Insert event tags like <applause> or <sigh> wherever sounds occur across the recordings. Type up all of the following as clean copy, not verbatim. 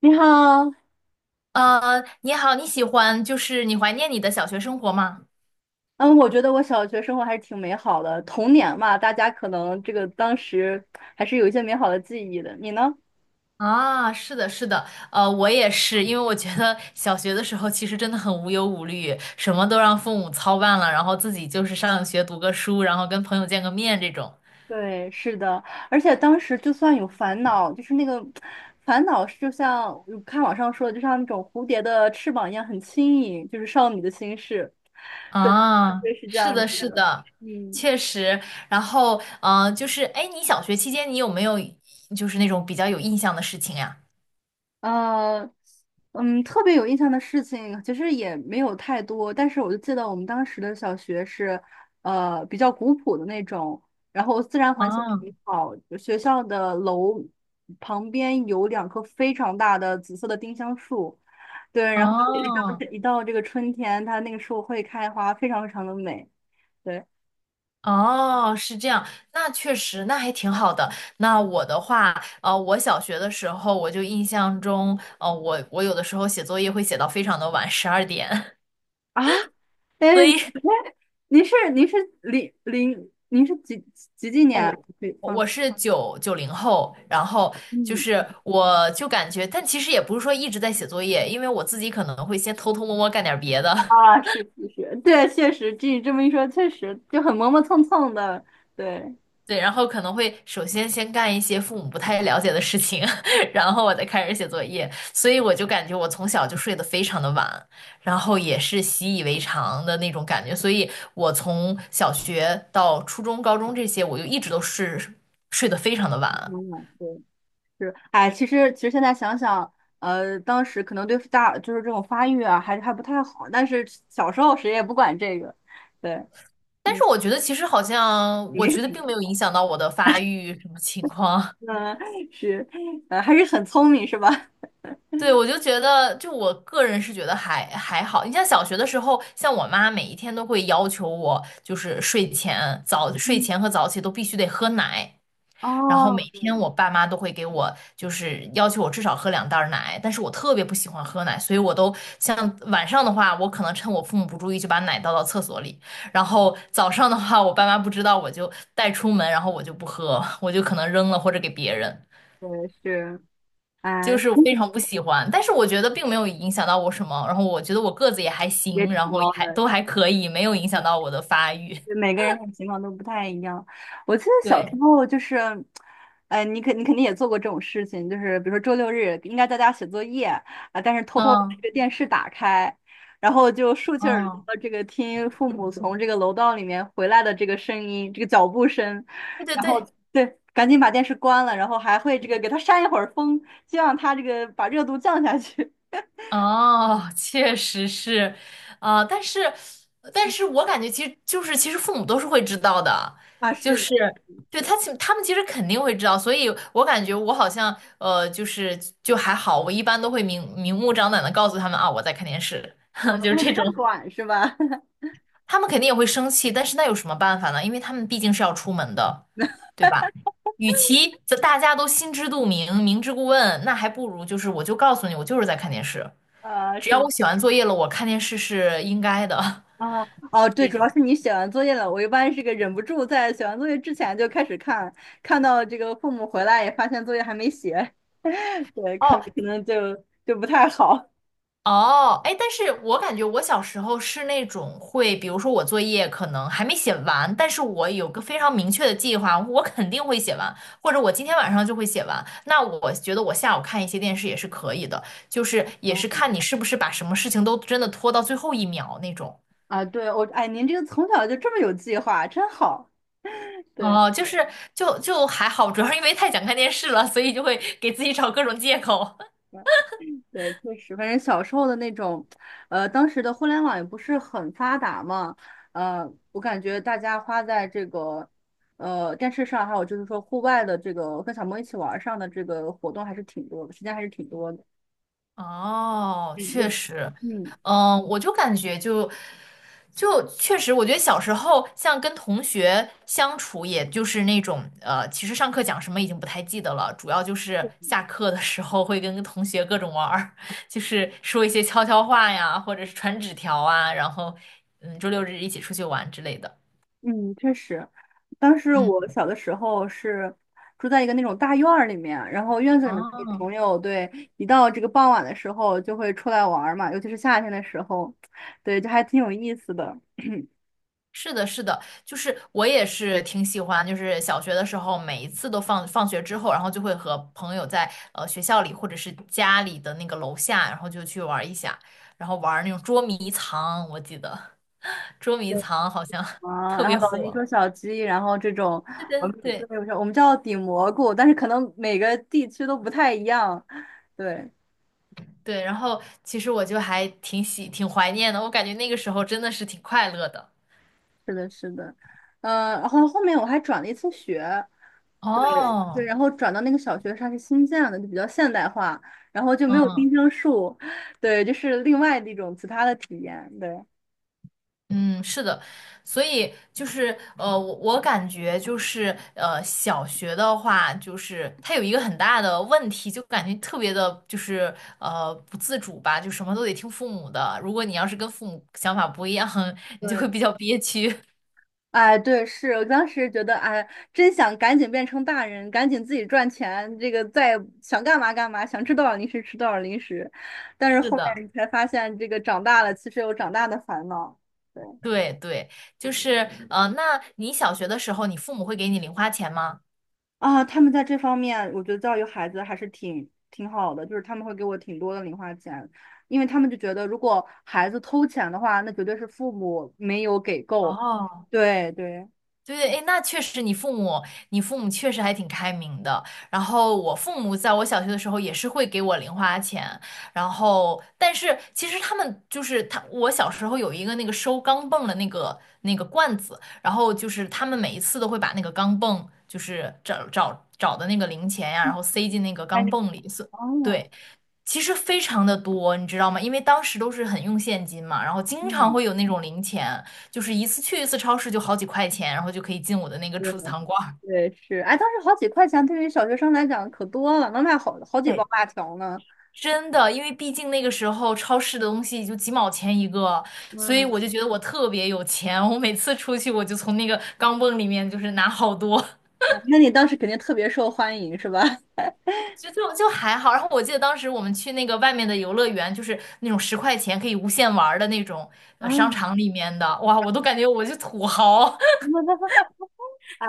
你好。你好，你喜欢就是你怀念你的小学生活吗？嗯，我觉得我小学生活还是挺美好的，童年嘛，大家可能这个当时还是有一些美好的记忆的。你呢？啊，是的，是的，我也是。因为我觉得小学的时候其实真的很无忧无虑，什么都让父母操办了，然后自己就是上学读个书，然后跟朋友见个面这种。对，是的，而且当时就算有烦恼，就是那个烦恼是就像有看网上说的，就像那种蝴蝶的翅膀一样很轻盈，就是少女的心事。对，啊，对，是这是样的，子是的。的，嗯。确实。然后，就是，哎，你小学期间你有没有就是那种比较有印象的事情呀？呃，特别有印象的事情其实也没有太多，但是我就记得我们当时的小学是，比较古朴的那种，然后自然环境啊，挺好，学校的楼旁边有两棵非常大的紫色的丁香树。对，然后一到哦，一到这个春天，它那个树会开花，非常非常的美。对。哦，是这样。那确实，那还挺好的。那我的话，我小学的时候，我就印象中，我有的时候写作业会写到非常的晚，12点，啊，<laughs> <laughs> 所哎，以您是零零您是几几几几年啊哦，可以我放？我是九零后，然后就嗯是我就感觉，但其实也不是说一直在写作业，因为我自己可能会先偷偷摸摸干点别的。啊，是是是，对，确实，据你这么一说，确实就很磨磨蹭蹭的，对，对，然后可能会先干一些父母不太了解的事情，<laughs> 然后我再开始写作业。所以我就感觉我从小就睡得非常的晚，然后也是习以为常的那种感觉，所以我从小学到初中、高中这些，我就一直都是睡得非常的晚。嗯，对，是，哎，其实现在想想，当时可能对大就是这种发育啊，还不太好，但是小时候谁也不管这个，对，但嗯，是我觉得其实好像，没我什觉得么，并没有影响到我的发育什么情况。嗯，是，还是很聪明，是吧？对，我就觉得，就我个人是觉得还好。你像小学的时候，像我妈每一天都会要求我，就是睡嗯，前和早起都必须得喝奶。哦，然后每对天我爸妈都会给我就是要求我至少喝两袋儿奶，但是我特别不喜欢喝奶，所以我都像晚上的话，我可能趁我父母不注意就把奶倒到厕所里；然后早上的话，我爸妈不知道我就带出门，然后我就不喝，我就可能扔了或者给别人。对是，就哎，是非常不喜欢，但是我觉得并没有影响到我什么。然后我觉得我个子也还也行，然挺后高也还的。都还可以，没有影响到我的发育。每个人的情况都不太一样。我记得 <laughs> 小时对，候就是，你肯定也做过这种事情，就是比如说周六日应该在家写作业啊，但是偷偷把这嗯个电视打开，然后就竖起耳嗯，朵这个听父母从这个楼道里面回来的这个声音，这个脚步声，对对然后对，对，赶紧把电视关了，然后还会这个给它扇一会儿风，希望它这个把热度降下去。哦，确实是。啊、但是我感觉其实父母都是会知道的。啊，就是的，是对，对，他们其实肯定会知道。所以我感觉我好像就还好。我一般都会明明目张胆的告诉他们啊我在看电视，啊，<laughs> 就他是们这不太种。管是吧？<laughs> 他们肯定也会生气，但是那有什么办法呢？因为他们毕竟是要出门的，对吧？与其这大家都心知肚明、明知故问，那还不如就是我就告诉你，我就是在看电视。只是要我吗？写完作业了，我看电视是应该的。啊，哦，<laughs> 对，这主种要是你写完作业了。我一般是个忍不住在写完作业之前就开始看，看到这个父母回来也发现作业还没写，<laughs> 对，可哦。可能就就不太好。哦，哎，但是我感觉我小时候是那种会，比如说我作业可能还没写完，但是我有个非常明确的计划，我肯定会写完，或者我今天晚上就会写完。那我觉得我下午看一些电视也是可以的，就是也是哦看你是不是把什么事情都真的拖到最后一秒那种。啊，对，我，哎，您这个从小就这么有计划，真好。对。哦，就是就还好，主要是因为太想看电视了，所以就会给自己找各种借口。对，确实，反正小时候的那种，当时的互联网也不是很发达嘛，我感觉大家花在这个，电视上，还有就是说户外的这个跟小朋友一起玩儿上的这个活动还是挺多的，时间还是挺多的。哦，嗯，确我实。嗯。嗯，我就感觉就确实。我觉得小时候像跟同学相处，也就是那种，其实上课讲什么已经不太记得了，主要就是下课的时候会跟同学各种玩儿，<laughs> 就是说一些悄悄话呀，或者是传纸条啊。然后周六日一起出去玩之类的。嗯，确实，当时嗯，我小的时候是住在一个那种大院儿里面，然后院子里面的哦，朋友，对，一到这个傍晚的时候就会出来玩儿嘛，尤其是夏天的时候，对，就还挺有意思的。是的，是的。就是我也是挺喜欢，就是小学的时候，每一次都放学之后，然后就会和朋友在学校里或者是家里的那个楼下，然后就去玩一下。然后玩那种捉迷藏，我记得 <laughs> 捉迷藏好像 <laughs> 啊，特然别后老鹰火。捉小鸡，然后这种，对我对们对，对我们叫顶蘑菇，但是可能每个地区都不太一样。对，对。然后其实我就还挺怀念的，我感觉那个时候真的是挺快乐的。是的，是的，嗯、然后后面我还转了一次学，对对，哦，然后转到那个小学它是新建的，就比较现代化，然后就没有嗯，丁香树，<laughs> 对，就是另外的一种其他的体验，对。嗯，是的。所以就是我感觉就是小学的话，就是它有一个很大的问题，就感觉特别的，就是不自主吧，就什么都得听父母的。如果你要是跟父母想法不一样，<laughs> 你就会对。比较憋屈。<laughs> 哎，对，是我当时觉得，哎，真想赶紧变成大人，赶紧自己赚钱，这个再想干嘛干嘛，想吃多少零食吃多少零食。但是是后面的，你才发现，这个长大了其实有长大的烦恼。对对对。就是那你小学的时候，你父母会给你零花钱吗？啊，他们在这方面，我觉得教育孩子还是挺挺好的，就是他们会给我挺多的零花钱，因为他们就觉得如果孩子偷钱的话，那绝对是父母没有给够。哦，对对，对，对，哎，那确实，你父母确实还挺开明的。然后我父母在我小学的时候也是会给我零花钱。然后但是其实他们就是他，我小时候有一个那个收钢镚儿的那个罐子，然后就是他们每一次都会把那个钢镚，就是找的那个零钱呀，然后塞进那个哎，钢你镚里。所，哦，对，其实非常的多，你知道吗？因为当时都是很用现金嘛，然后经常嗯。会有那种零钱。就是一次去一次超市就好几块钱，然后就可以进我的那个对，储藏罐儿。对，是，哎，当时好几块钱对于小学生来讲可多了，能买好好几包对，辣条呢。<laughs> 真的。因为毕竟那个时候超市的东西就几毛钱一个，所以我嗯，就觉得我特别有钱。我每次出去，我就从那个钢镚里面就是拿好多。啊那你当时肯定特别受欢迎是吧？<laughs> 就还好。然后我记得当时我们去那个外面的游乐园，就是那种十块钱可以无限玩儿的那种啊，商场里面的，哇，我都感觉我是土豪。<laughs>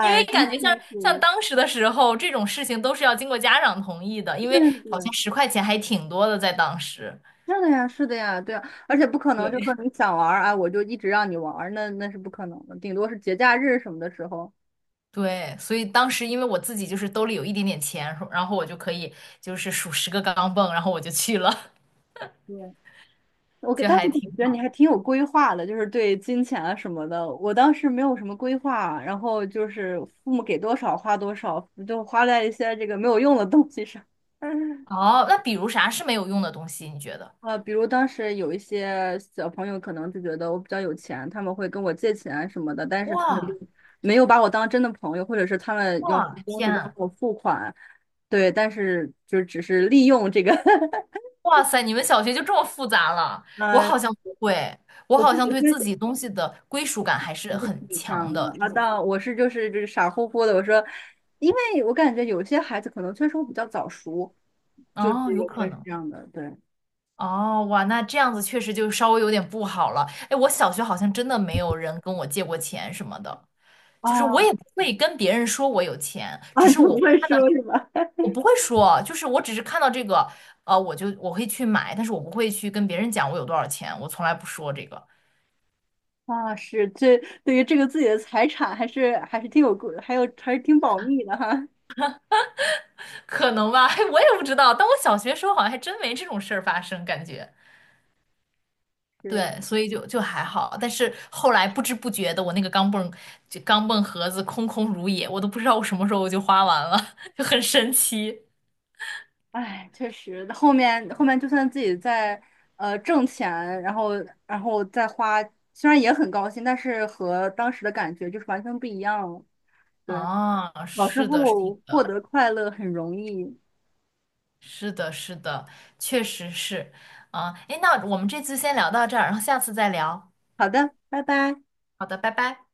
因为真感觉幸像福。当时的时候，这种事情都是要经过家长同意的，因为对好对，像十块钱还挺多的，在当时。是的呀，是的呀，对啊，而且不可能就对，说 <laughs> 你想玩儿啊，我就一直让你玩儿，那那是不可能的，顶多是节假日什么的时候。对。所以当时因为我自己就是兜里有一点点钱，然后我就可以就是数十个钢镚，然后我就去了。对，我 <laughs> 给就当时还感挺觉你好。还挺有规划的，就是对金钱啊什么的。我当时没有什么规划，然后就是父母给多少花多少，就花在一些这个没有用的东西上。<laughs> 哦，那比如啥是没有用的东西？你觉得？啊，比如当时有一些小朋友可能就觉得我比较有钱，他们会跟我借钱啊什么的，但是他们就哇，没有把我当真的朋友，或者是他们要什么哇，东西天都要啊，给我付款，对，但是就只是利用这个，<laughs> 哇塞！你们小学就这么复杂了？我呃，好像不会，我我就好像只对自是己东西的归属感还是我是很挺强像的，的，那就是。到我是就是傻乎乎的。我说，因为我感觉有些孩子可能确实我比较早熟，就是哦，有可会是能。这样的。对哦，哇，那这样子确实就稍微有点不好了。哎，我小学好像真的没有人跟我借过钱什么的，就是啊 <laughs> 我也不会跟别人说我有钱，只啊，你是不我会说是吧？我 <laughs> 不会说。就是我只是看到这个，我会去买。但是我不会去跟别人讲我有多少钱，我从来不说这个。啊，是这对于这个自己的财产还是挺有顾，还是挺保密的哈。<laughs> 可能吧，<laughs> 嘿我也不知道。但我小学时候好像还真没这种事儿发生，感觉。是，对，所以就还好。但是后来不知不觉的，我那个钢镚盒子空空如也，我都不知道我什么时候我就花完了，<laughs> 就很神奇。哎，确实，后面就算自己在挣钱，然后然后再花，虽然也很高兴，但是和当时的感觉就是完全不一样了。对。啊，小时是的，是候获的，得快乐很容易。是的，是的，确实是。啊，哎，那我们这次先聊到这儿，然后下次再聊。好的，拜拜。好的，拜拜。